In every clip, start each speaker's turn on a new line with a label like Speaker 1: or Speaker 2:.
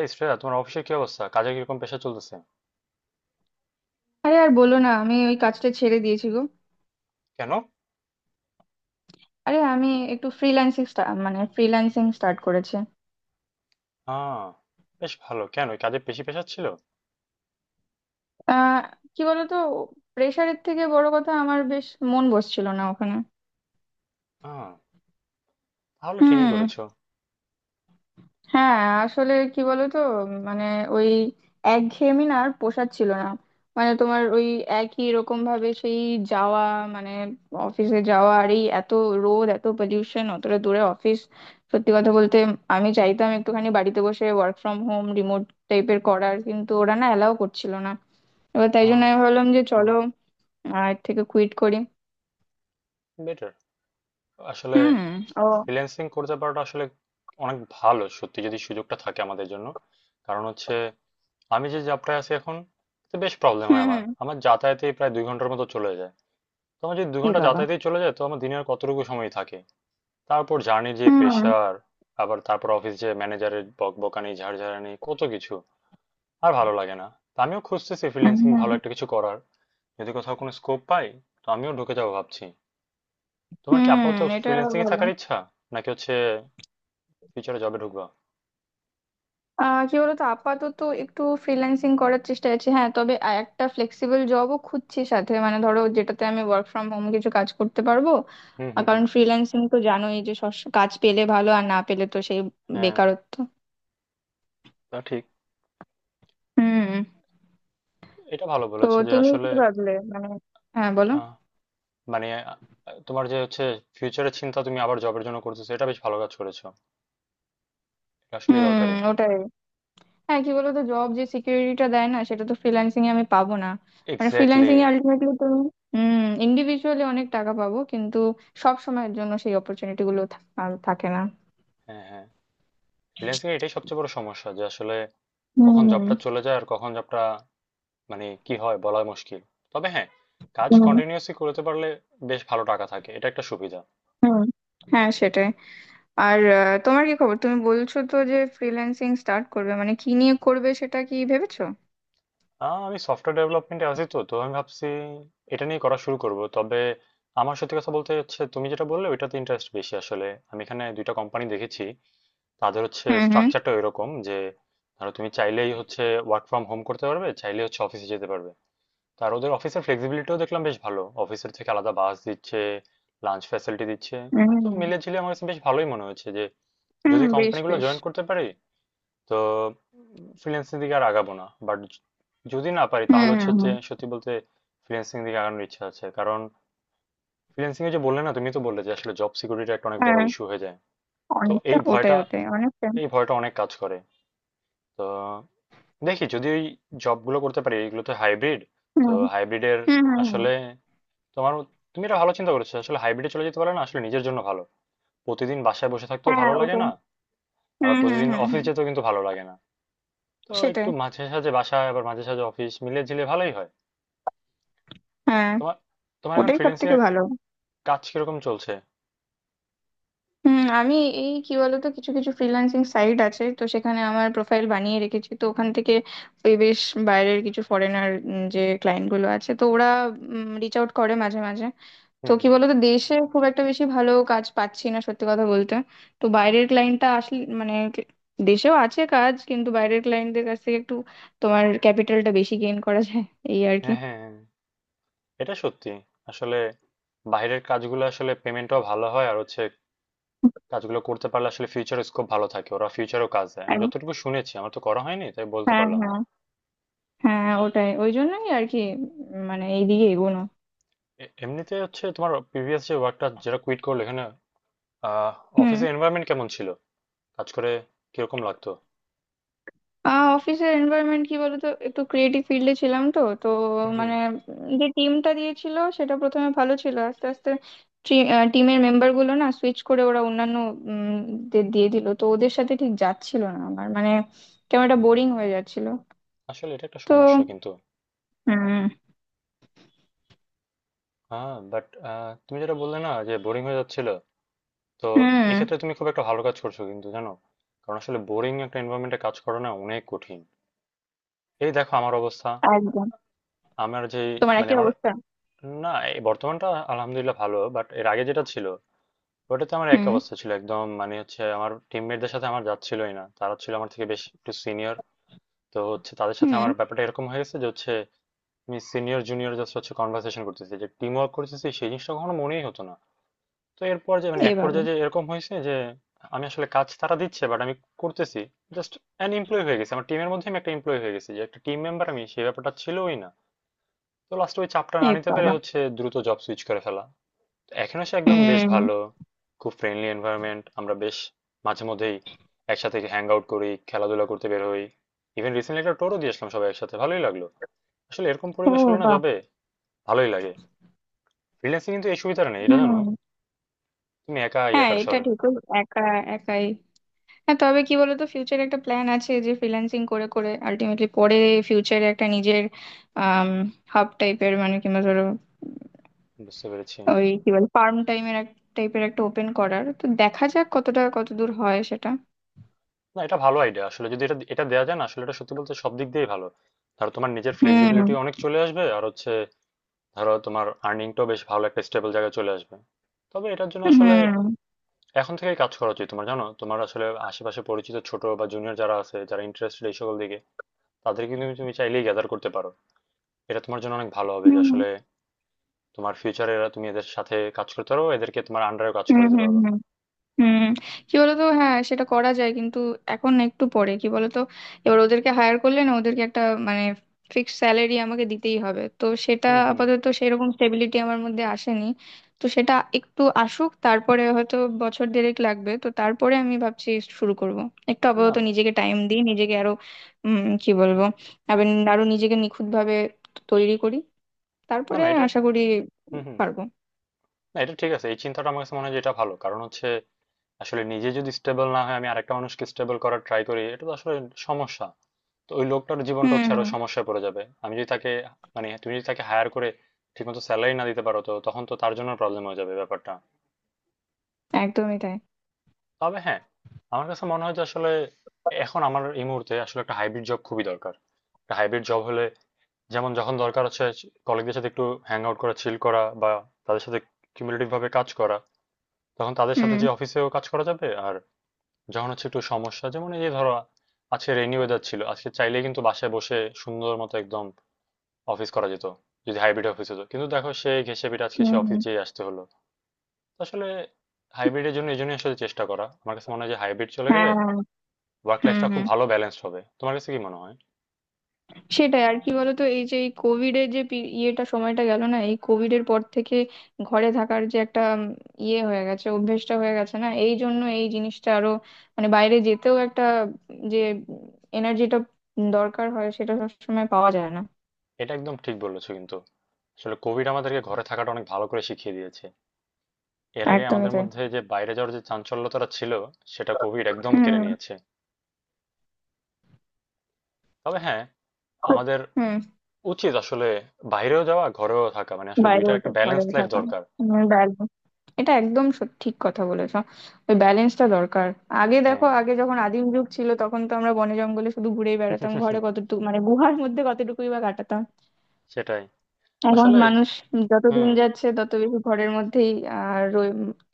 Speaker 1: এই শ্রেয়া, তোমার অফিসের কি অবস্থা? কাজে কিরকম প্রেশার চলতেছে?
Speaker 2: আরে আর বলো না, আমি ওই কাজটা ছেড়ে দিয়েছি গো।
Speaker 1: কেন?
Speaker 2: আরে আমি একটু ফ্রিল্যান্সিং, মানে ফ্রিল্যান্সিং স্টার্ট করেছি।
Speaker 1: হ্যাঁ, বেশ ভালো। কেন, এই কাজে বেশি প্রেশার ছিল?
Speaker 2: আহ কি বলতো, প্রেশারের থেকে বড় কথা আমার বেশ মন বসছিল না ওখানে।
Speaker 1: হ্যাঁ, তাহলে ঠিকই
Speaker 2: হুম।
Speaker 1: করেছো।
Speaker 2: হ্যাঁ। আসলে কি বলতো, মানে, ওই একঘেয়েমি না আর পোষাচ্ছিল না। মানে তোমার ওই একই রকম ভাবে সেই যাওয়া, মানে অফিসে যাওয়া, আর এই এত রোদ, এত পলিউশন, অতটা দূরে অফিস। সত্যি কথা বলতে আমি চাইতাম একটুখানি বাড়িতে বসে ওয়ার্ক ফ্রম হোম, রিমোট টাইপের করার, কিন্তু ওরা না অ্যালাউ করছিল না। এবার তাই জন্য
Speaker 1: হ্যাঁ,
Speaker 2: আমি ভাবলাম যে চলো আর এর থেকে কুইট করি।
Speaker 1: বেটার। আসলে
Speaker 2: হুম। ও।
Speaker 1: ফ্রিল্যান্সিং করতে পারাটা আসলে অনেক ভালো সত্যি, যদি সুযোগটা থাকে আমাদের জন্য। কারণ হচ্ছে, আমি যে যাত্রায় আছি এখন, তো বেশ প্রবলেম
Speaker 2: হুম
Speaker 1: হয়। আমার
Speaker 2: হুম।
Speaker 1: আমার যাতায়াতেই প্রায় 2 ঘন্টার মতো চলে যায়। তো আমার যদি দুই
Speaker 2: এ
Speaker 1: ঘন্টা
Speaker 2: বাবা।
Speaker 1: যাতায়াতেই চলে যায়, তো আমার দিনের কতটুকু সময় থাকে? তারপর জার্নির যে
Speaker 2: হুম
Speaker 1: প্রেশার, আবার তারপর অফিস, যে ম্যানেজারের বকবকানি ঝাড়ঝাড়ানি কত কিছু, আর ভালো লাগে না। তো আমিও খুঁজতেছি ফ্রিল্যান্সিং
Speaker 2: হুম
Speaker 1: ভালো একটা কিছু করার। যদি কোথাও কোনো স্কোপ পাই, তো আমিও ঢুকে যাবো ভাবছি। তোমার কি
Speaker 2: হুম।
Speaker 1: আপাতত
Speaker 2: এটা
Speaker 1: ফ্রিল্যান্সিং এ
Speaker 2: ভালো।
Speaker 1: থাকার ইচ্ছা, নাকি হচ্ছে ফিউচারে জবে ঢুকবা?
Speaker 2: কি বলতো, আপাতত একটু ফ্রিল্যান্সিং করার চেষ্টা আছে, হ্যাঁ। তবে একটা ফ্লেক্সিবল জবও খুঁজছি সাথে, মানে ধরো যেটাতে আমি ওয়ার্ক ফ্রম হোম কিছু কাজ করতে পারবো।
Speaker 1: হুম
Speaker 2: আর
Speaker 1: হুম হুম।
Speaker 2: কারণ ফ্রিল্যান্সিং তো জানোই যে কাজ পেলে ভালো, আর না পেলে তো সেই
Speaker 1: হ্যাঁ,
Speaker 2: বেকারত্ব।
Speaker 1: তা ঠিক।
Speaker 2: হুম।
Speaker 1: এটা ভালো
Speaker 2: তো
Speaker 1: বলেছো যে
Speaker 2: তুমি
Speaker 1: আসলে
Speaker 2: কি ভাবলে, মানে, হ্যাঁ বলো।
Speaker 1: আহ, মানে তোমার যে হচ্ছে ফিউচারের চিন্তা তুমি আবার জবের জন্য করতেছো, এটা বেশ ভালো কাজ করেছো। এটা আসলে
Speaker 2: হুম
Speaker 1: দরকারি।
Speaker 2: ওটাই। হ্যাঁ কি বলতো, জব যে সিকিউরিটিটা দেয় না, সেটা তো ফ্রিল্যান্সিং এ আমি পাবো না। মানে
Speaker 1: এক্স্যাক্টলি।
Speaker 2: ফ্রিল্যান্সিং এ আলটিমেটলি তুমি, হুম, ইন্ডিভিজুয়ালি অনেক টাকা পাবো, কিন্তু সব সময়ের জন্য সেই অপরচুনিটি গুলো আর থাকে না।
Speaker 1: হ্যাঁ হ্যাঁ। ফ্রিল্যান্সিং এটাই সবচেয়ে বড় সমস্যা যে আসলে কখন
Speaker 2: হুম
Speaker 1: জবটা চলে যায় আর কখন জবটা, মানে কি হয় বলা মুশকিল। তবে হ্যাঁ, কাজ
Speaker 2: হুম
Speaker 1: কন্টিনিউয়াসলি করতে পারলে বেশ ভালো টাকা থাকে, এটা একটা সুবিধা।
Speaker 2: হুম। হ্যাঁ সেটাই। আর তোমার কি খবর? তুমি বলছো তো যে ফ্রিল্যান্সিং স্টার্ট করবে, মানে কি নিয়ে করবে সেটা কি ভেবেছো?
Speaker 1: আমি সফটওয়্যার ডেভেলপমেন্টে আছি, তো তো আমি ভাবছি এটা নিয়ে করা শুরু করব। তবে আমার সত্যি কথা বলতে হচ্ছে, তুমি যেটা বললে ওইটাতে ইন্টারেস্ট বেশি। আসলে আমি এখানে দুইটা কোম্পানি দেখেছি, তাদের হচ্ছে
Speaker 2: হুম হুম
Speaker 1: স্ট্রাকচারটা এরকম যে ধরো তুমি চাইলেই হচ্ছে ওয়ার্ক ফ্রম হোম করতে পারবে, চাইলেই হচ্ছে অফিসে যেতে পারবে। আর ওদের অফিসের ফ্লেক্সিবিলিটিও দেখলাম বেশ ভালো, অফিসের থেকে আলাদা বাস দিচ্ছে, লাঞ্চ ফ্যাসিলিটি দিচ্ছে। তো
Speaker 2: হুম।
Speaker 1: মিলে ঝিলে আমার কাছে বেশ ভালোই মনে হচ্ছে যে
Speaker 2: হুম
Speaker 1: যদি
Speaker 2: বেশ
Speaker 1: কোম্পানিগুলো
Speaker 2: বেশ।
Speaker 1: জয়েন করতে পারি, তো ফ্রিল্যান্সিং দিকে আর আগাবো না। বাট যদি না পারি,
Speaker 2: হুম
Speaker 1: তাহলে হচ্ছে
Speaker 2: হুম
Speaker 1: যে
Speaker 2: হুম।
Speaker 1: সত্যি বলতে ফ্রিল্যান্সিং দিকে আগানোর ইচ্ছা আছে। কারণ ফ্রিল্যান্সিং এ, যে বললে না তুমি, তো বললে যে আসলে জব সিকিউরিটি একটা অনেক বড়
Speaker 2: হ্যাঁ
Speaker 1: ইস্যু হয়ে যায়। তো
Speaker 2: অনেকটা
Speaker 1: এই
Speaker 2: ওটাই,
Speaker 1: ভয়টা,
Speaker 2: ওটাই অনেকটা।
Speaker 1: এই ভয়টা অনেক কাজ করে। তো দেখি যদি ওই জবগুলো করতে পারি, এগুলো তো হাইব্রিড।
Speaker 2: হুম
Speaker 1: তো হাইব্রিডের
Speaker 2: হুম হুম হুম।
Speaker 1: আসলে তোমার, তুমি এটা ভালো চিন্তা করেছো, আসলে হাইব্রিডে চলে যেতে পারলে না আসলে নিজের জন্য ভালো। প্রতিদিন বাসায় বসে থাকতেও
Speaker 2: হ্যাঁ
Speaker 1: ভালো লাগে
Speaker 2: ওটাই।
Speaker 1: না, আবার
Speaker 2: হুম হুম
Speaker 1: প্রতিদিন
Speaker 2: হুম
Speaker 1: অফিস
Speaker 2: হুম।
Speaker 1: যেতেও কিন্তু ভালো লাগে না। তো
Speaker 2: সেটাই।
Speaker 1: একটু মাঝে সাঝে বাসা আবার মাঝে সাঝে অফিস মিলিয়ে ঝিলিয়ে ভালোই হয়।
Speaker 2: হ্যাঁ
Speaker 1: তোমার, তোমার এখন
Speaker 2: ওটাই সব
Speaker 1: ফ্রিল্যান্সিং
Speaker 2: থেকে ভালো।
Speaker 1: কাজ কিরকম চলছে?
Speaker 2: হুম আমি, এই কি বলতো, কিছু কিছু ফ্রিল্যান্সিং সাইট আছে তো সেখানে আমার প্রোফাইল বানিয়ে রেখেছি, তো ওখান থেকে ওই বেশ বাইরের কিছু ফরেনার, যে ক্লায়েন্ট গুলো আছে তো ওরা রিচ আউট করে মাঝে মাঝে। তো
Speaker 1: হুম
Speaker 2: কি
Speaker 1: হুম।
Speaker 2: বলতো দেশে খুব একটা বেশি ভালো কাজ পাচ্ছি না সত্যি কথা বলতে। তো বাইরের ক্লায়েন্টটা আসলে, মানে, দেশেও আছে কাজ কিন্তু বাইরের ক্লায়েন্টদের কাছ থেকে একটু তোমার ক্যাপিটালটা বেশি গেইন করা যায়, এই আর কি।
Speaker 1: হ্যাঁ হ্যাঁ হ্যাঁ। এটা সত্যি। আসলে বাইরের কাজগুলো আসলে পেমেন্টও ভালো হয়, আর হচ্ছে কাজগুলো করতে পারলে আসলে ফিউচার স্কোপ ভালো থাকে, ওরা ফিউচারও কাজ দেয় আমি
Speaker 2: আর
Speaker 1: যতটুকু শুনেছি। আমার তো করা হয়নি, তাই বলতে
Speaker 2: হ্যাঁ
Speaker 1: পারলাম না।
Speaker 2: হ্যাঁ হ্যাঁ। ওটাই ওই জন্যই আর কি, মানে এইদিকে এগোনো।
Speaker 1: এমনিতে হচ্ছে, তোমার প্রিভিয়াস যে ওয়ার্কটা যেটা কুইট করলে এখানে, আহ,
Speaker 2: হুম।
Speaker 1: অফিসের এনভায়রনমেন্ট কেমন ছিল, কাজ করে কিরকম লাগতো?
Speaker 2: অফিসের এনভায়রনমেন্ট কি বলতো, একটু ক্রিয়েটিভ ফিল্ডে ছিলাম তো তো
Speaker 1: হুম হুম
Speaker 2: মানে, যে টিমটা দিয়েছিল সেটা প্রথমে ভালো ছিল, আস্তে আস্তে টিমের মেম্বার গুলো না সুইচ করে ওরা অন্যান্য উম, দের দিয়ে দিল, তো ওদের সাথে ঠিক যাচ্ছিল না আমার, মানে কেমন একটা
Speaker 1: হুম।
Speaker 2: বোরিং হয়ে যাচ্ছিল।
Speaker 1: আসলে এটা একটা
Speaker 2: তো
Speaker 1: সমস্যা কিন্তু।
Speaker 2: হুম
Speaker 1: হ্যাঁ, বাট তুমি যেটা বললে না যে বোরিং হয়ে যাচ্ছিল, তো
Speaker 2: হুম।
Speaker 1: এক্ষেত্রে তুমি খুব একটা ভালো কাজ করছো কিন্তু জানো। কারণ আসলে বোরিং একটা এনভায়রনমেন্টে কাজ করা না অনেক কঠিন। এই দেখো আমার অবস্থা।
Speaker 2: একদম।
Speaker 1: আমার যে,
Speaker 2: তোমার
Speaker 1: মানে
Speaker 2: একই
Speaker 1: আমার,
Speaker 2: অবস্থা।
Speaker 1: না এই বর্তমানটা আলহামদুলিল্লাহ ভালো, বাট এর আগে যেটা ছিল ওটাতে আমার এক
Speaker 2: হুম
Speaker 1: অবস্থা ছিল একদম। মানে হচ্ছে আমার টিমমেটদের সাথে আমার যাচ্ছিলই না, তারা ছিল আমার থেকে বেশ একটু সিনিয়র। তো হচ্ছে তাদের সাথে
Speaker 2: হুম।
Speaker 1: আমার ব্যাপারটা এরকম হয়ে গেছে যে হচ্ছে আমি সিনিয়র জুনিয়র জাস্ট হচ্ছে কনভার্সেশন করতেছি, যে টিম ওয়ার্ক করতেছি সেই জিনিসটা কখনো মনেই হতো না। তো এর পর্যায়ে, মানে
Speaker 2: এ
Speaker 1: এক
Speaker 2: বাবা।
Speaker 1: পর্যায়ে যে এরকম হয়েছে যে আমি আসলে, কাজ তারা দিচ্ছে বাট আমি করতেছি জাস্ট। অ্যান এমপ্লয় হয়ে গেছি, আমার টিমের মধ্যে আমি একটা এমপ্লয় হয়ে গেছি, যে একটা টিম মেম্বার আমি সেই ব্যাপারটা ছিলই না। তো লাস্টে ওই চাপটা না
Speaker 2: এ
Speaker 1: নিতে পেরে
Speaker 2: বাবা।
Speaker 1: হচ্ছে দ্রুত জব সুইচ করে ফেলা। তো এখনো সে একদম বেশ
Speaker 2: হুম।
Speaker 1: ভালো, খুব ফ্রেন্ডলি এনভায়রনমেন্ট। আমরা বেশ মাঝে মধ্যেই একসাথে হ্যাং আউট করি, খেলাধুলা করতে বের হই। ইভেন রিসেন্টলি একটা টোরও দিয়ে আসলাম সবাই একসাথে, ভালোই লাগলো। আসলে এরকম
Speaker 2: ও
Speaker 1: পরিবেশ হলে না
Speaker 2: বাবা।
Speaker 1: জবে ভালোই লাগে। ফ্রিল্যান্সিং কিন্তু এই সুবিধাটা নেই, এটা জানো।
Speaker 2: হুম।
Speaker 1: তুমি একা
Speaker 2: হ্যাঁ
Speaker 1: একার
Speaker 2: এটা
Speaker 1: স্বর।
Speaker 2: ঠিক। ও একা একাই। হ্যাঁ তবে কি বলতো ফিউচারে একটা প্ল্যান আছে যে ফ্রিল্যান্সিং করে করে আলটিমেটলি পরে ফিউচারে একটা নিজের হাব টাইপের, মানে, কিংবা ধরো
Speaker 1: বুঝতে পেরেছি।
Speaker 2: ওই কি বলে ফার্ম টাইমের এক টাইপের একটা ওপেন করার। তো দেখা যাক কতটা কতদূর হয় সেটা।
Speaker 1: না এটা ভালো আইডিয়া আসলে, যদি এটা এটা দেওয়া যায় না আসলে, এটা সত্যি বলতে সব দিক দিয়েই ভালো। ধরো তোমার নিজের
Speaker 2: হুম
Speaker 1: ফ্লেক্সিবিলিটি অনেক চলে আসবে, আর হচ্ছে ধরো তোমার আর্নিংটাও বেশ ভালো একটা স্টেবল জায়গায় চলে আসবে। তবে এটার জন্য আসলে
Speaker 2: হুম
Speaker 1: এখন থেকেই কাজ করা উচিত তোমার, জানো। তোমার আসলে আশেপাশে পরিচিত ছোট বা জুনিয়র যারা আছে, যারা ইন্টারেস্টেড এই সকল দিকে, তাদেরকে কিন্তু তুমি তুমি চাইলেই গ্যাদার করতে পারো। এটা তোমার জন্য অনেক ভালো হবে যে
Speaker 2: হুম
Speaker 1: আসলে তোমার ফিউচারে এরা, তুমি এদের সাথে কাজ করতে পারো, এদেরকে তোমার আন্ডারেও কাজ
Speaker 2: হুম
Speaker 1: করাতে
Speaker 2: হুম
Speaker 1: পারবা।
Speaker 2: হুম হুম। কি বলতো, হ্যাঁ সেটা করা যায় কিন্তু এখন না, একটু পরে। কি বলতো এবার ওদেরকে হায়ার করলে না, ওদেরকে একটা, মানে, ফিক্সড স্যালারি আমাকে দিতেই হবে, তো সেটা
Speaker 1: হুম হুম।
Speaker 2: আপাতত সেরকম স্টেবিলিটি আমার মধ্যে আসেনি। তো সেটা একটু আসুক, তারপরে হয়তো বছর দেড়েক লাগবে, তো তারপরে আমি ভাবছি শুরু করব। একটু
Speaker 1: না
Speaker 2: আপাতত
Speaker 1: না।
Speaker 2: নিজেকে টাইম দিই, নিজেকে আরো কি
Speaker 1: হুম।
Speaker 2: বলবো, আবার আরো নিজেকে নিখুঁতভাবে তৈরি করি,
Speaker 1: না
Speaker 2: তারপরে
Speaker 1: না এটা,
Speaker 2: আশা করি
Speaker 1: হুম হুম,
Speaker 2: পারবো।
Speaker 1: না এটা ঠিক আছে। এই চিন্তাটা আমার কাছে মনে হয় যে এটা ভালো, কারণ হচ্ছে আসলে নিজে যদি স্টেবল না হয়, আমি আরেকটা মানুষকে স্টেবল করার ট্রাই করি, এটা তো আসলে সমস্যা। তো ওই লোকটার জীবনটা হচ্ছে আরো
Speaker 2: হুম।
Speaker 1: সমস্যায় পড়ে যাবে আমি যদি তাকে, মানে তুমি যদি তাকে হায়ার করে ঠিকমতো স্যালারি না দিতে পারো, তো তখন তো তার জন্য প্রবলেম হয়ে যাবে ব্যাপারটা।
Speaker 2: একদমই তাই।
Speaker 1: তবে হ্যাঁ, আমার কাছে মনে হয় যে আসলে এখন, আমার এই মুহূর্তে আসলে একটা হাইব্রিড জব খুবই দরকার। একটা হাইব্রিড জব হলে, যেমন যখন দরকার হচ্ছে কলিগদের সাথে একটু হ্যাং আউট করা, চিল করা, বা তাদের সাথে কিউমুলেটিভ ভাবে কাজ করা, তখন তাদের সাথে
Speaker 2: হুম
Speaker 1: যে অফিসেও কাজ করা যাবে। আর যখন হচ্ছে একটু সমস্যা, যেমন এই যে ধরো আজকে রেইনি ওয়েদার ছিল, আজকে চাইলে কিন্তু বাসায় বসে সুন্দর মতো একদম অফিস করা যেত যদি হাইব্রিড অফিস হতো, কিন্তু দেখো সে ঘেঁষে পিটে আজকে সে অফিস
Speaker 2: হুম।
Speaker 1: যেয়ে আসতে হলো। তো আসলে হাইব্রিডের জন্য এই জন্যই আসলে চেষ্টা করা। আমার কাছে মনে হয় যে হাইব্রিড চলে গেলে
Speaker 2: হ্যাঁ।
Speaker 1: ওয়ার্ক
Speaker 2: হুম
Speaker 1: লাইফটা খুব
Speaker 2: হুম।
Speaker 1: ভালো ব্যালেন্স হবে। তোমার কাছে কি মনে হয়?
Speaker 2: সেটাই আর কি বলতো, এই যে এই কোভিড এর যে ইয়েটা সময়টা গেল না, এই কোভিড এর পর থেকে ঘরে থাকার যে একটা ইয়ে হয়ে গেছে, অভ্যেসটা হয়ে গেছে না, এই জন্য এই জিনিসটা আরো, মানে বাইরে যেতেও একটা যে এনার্জিটা দরকার হয়, সেটা সবসময় পাওয়া যায় না।
Speaker 1: এটা একদম ঠিক বলেছো কিন্তু। আসলে কোভিড আমাদেরকে ঘরে থাকাটা অনেক ভালো করে শিখিয়ে দিয়েছে। এর আগে
Speaker 2: একদমই
Speaker 1: আমাদের
Speaker 2: তাই।
Speaker 1: মধ্যে যে বাইরে যাওয়ার যে চাঞ্চল্যতাটা ছিল, সেটা কোভিড একদম কেড়ে
Speaker 2: হুম।
Speaker 1: নিয়েছে। তবে হ্যাঁ,
Speaker 2: খুব-
Speaker 1: আমাদের
Speaker 2: হুম।
Speaker 1: উচিত আসলে বাইরেও যাওয়া ঘরেও থাকা, মানে আসলে
Speaker 2: বাইরেও
Speaker 1: দুইটার একটা ব্যালেন্স
Speaker 2: ঘরেও
Speaker 1: লাইফ
Speaker 2: থাকা।
Speaker 1: দরকার।
Speaker 2: হুম, বাইরে। এটা একদম ঠিক কথা বলেছো। ওই ব্যালেন্সটা দরকার। আগে দেখো,
Speaker 1: হ্যাঁ।
Speaker 2: আগে যখন আদিম যুগ ছিল তখন তো আমরা বনে জঙ্গলে শুধু ঘুরেই বেড়াতাম, ঘরে কতটুকু, মানে গুহার মধ্যে কতটুকুই বা কাটাতাম।
Speaker 1: সেটাই।
Speaker 2: এখন
Speaker 1: আসলে
Speaker 2: মানুষ যত দিন
Speaker 1: হুম।
Speaker 2: যাচ্ছে তত বেশি ঘরের মধ্যেই আর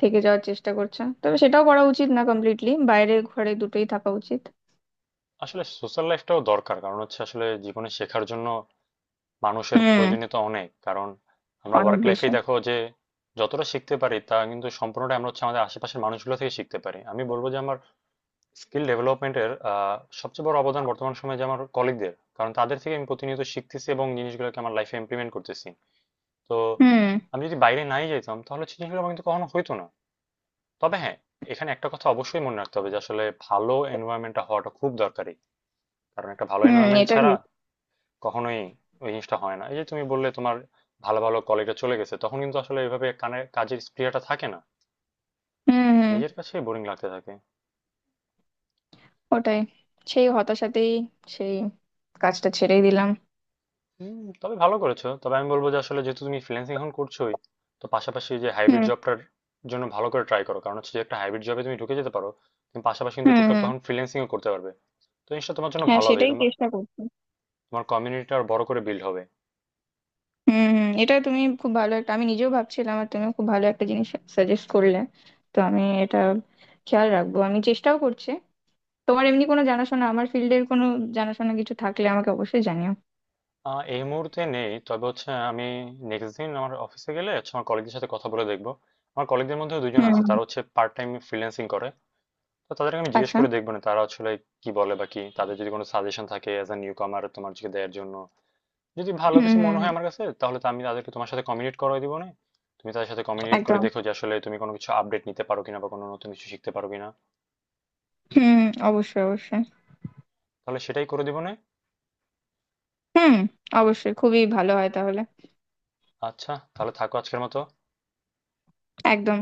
Speaker 2: থেকে যাওয়ার চেষ্টা করছে, তবে সেটাও করা উচিত না, কমপ্লিটলি বাইরে ঘরে দুটোই থাকা উচিত।
Speaker 1: আসলে সোশ্যাল লাইফটাও দরকার, কারণ হচ্ছে আসলে জীবনে শেখার জন্য মানুষের
Speaker 2: হুম।
Speaker 1: প্রয়োজনীয়তা অনেক। কারণ আমরা
Speaker 2: অনেক
Speaker 1: ওয়ার্ক
Speaker 2: বেশি।
Speaker 1: লাইফেই দেখো যে যতটা শিখতে পারি তা কিন্তু সম্পূর্ণটা আমরা হচ্ছে আমাদের আশেপাশের মানুষগুলো থেকে শিখতে পারি। আমি বলবো যে আমার স্কিল ডেভেলপমেন্টের সবচেয়ে বড় অবদান বর্তমান সময়ে যে আমার কলিগদের, কারণ তাদের থেকে আমি প্রতিনিয়ত শিখতেছি এবং জিনিসগুলোকে আমার লাইফে ইমপ্লিমেন্ট করতেছি। তো
Speaker 2: হুম
Speaker 1: আমি যদি বাইরে নাই যেতাম, তাহলে সৃজনশীল আমার কিন্তু কখনো হইতো না। তবে হ্যাঁ, এখানে একটা কথা অবশ্যই মনে রাখতে হবে যে আসলে ভালো এনভায়রনমেন্টটা হওয়াটা খুব দরকারি, কারণ একটা ভালো
Speaker 2: হুম
Speaker 1: এনভায়রনমেন্ট
Speaker 2: এটা
Speaker 1: ছাড়া
Speaker 2: ঠিক।
Speaker 1: কখনোই ওই জিনিসটা হয় না। এই যে তুমি বললে তোমার ভালো ভালো কলিগরা চলে গেছে, তখন কিন্তু আসলে এভাবে কানে কাজের স্পৃহাটা থাকে না,
Speaker 2: হুম হুম।
Speaker 1: নিজের কাছে বোরিং লাগতে থাকে।
Speaker 2: ওটাই, সেই হতাশাতেই সেই কাজটা ছেড়েই দিলাম।
Speaker 1: হুম, তবে ভালো করেছো। তবে আমি বলবো যে আসলে যেহেতু তুমি ফ্রিল্যান্সিং এখন করছোই, তো পাশাপাশি যে হাইব্রিড
Speaker 2: হুম
Speaker 1: জবটার জন্য ভালো করে ট্রাই করো, কারণ হচ্ছে যে একটা হাইব্রিড জবে তুমি ঢুকে যেতে পারো, তুমি পাশাপাশি কিন্তু
Speaker 2: হুম
Speaker 1: টুকটাক
Speaker 2: হুম।
Speaker 1: তখন ফ্রিল্যান্সিংও করতে পারবে। তো জিনিসটা তোমার জন্য
Speaker 2: হ্যাঁ
Speaker 1: ভালো হবে,
Speaker 2: সেটাই
Speaker 1: তোমার,
Speaker 2: চেষ্টা করছি।
Speaker 1: তোমার কমিউনিটিটা আর বড় করে বিল্ড হবে।
Speaker 2: হুম হুম। এটা তুমি খুব ভালো একটা, আমি নিজেও ভাবছিলাম, আর তুমি খুব ভালো একটা জিনিস সাজেস্ট করলে, তো আমি এটা খেয়াল রাখবো, আমি চেষ্টাও করছি। তোমার এমনি কোনো জানাশোনা আমার ফিল্ডের, কোনো জানাশোনা কিছু থাকলে আমাকে অবশ্যই জানিও।
Speaker 1: এই মুহূর্তে নেই, তবে হচ্ছে আমি নেক্সট দিন আমার অফিসে গেলে হচ্ছে আমার কলিগদের সাথে কথা বলে দেখবো। আমার কলিগদের মধ্যে দুজন আছে,
Speaker 2: হুম।
Speaker 1: তারা হচ্ছে পার্ট টাইম ফ্রিল্যান্সিং করে। তো তাদেরকে আমি জিজ্ঞেস
Speaker 2: আচ্ছা।
Speaker 1: করে দেখবো না তারা আসলে কি বলে বা কি, তাদের যদি কোনো সাজেশন থাকে অ্যাজ এ নিউ কামার তোমার দিকে দেওয়ার জন্য, যদি ভালো
Speaker 2: হুম
Speaker 1: কিছু
Speaker 2: হুম
Speaker 1: মনে হয়
Speaker 2: হুম,
Speaker 1: আমার কাছে, তাহলে তো আমি তাদেরকে তোমার সাথে কমিউনিকেট করে দিব না, তুমি তাদের সাথে কমিউনিকেট করে
Speaker 2: একদম।
Speaker 1: দেখো যে আসলে তুমি কোনো কিছু আপডেট নিতে পারো কিনা বা কোনো নতুন কিছু শিখতে পারো কিনা।
Speaker 2: হুম। অবশ্যই, অবশ্যই।
Speaker 1: তাহলে সেটাই করে দিব না।
Speaker 2: হুম। অবশ্যই খুবই ভালো হয় তাহলে।
Speaker 1: আচ্ছা, তাহলে থাকো আজকের মতো।
Speaker 2: একদম।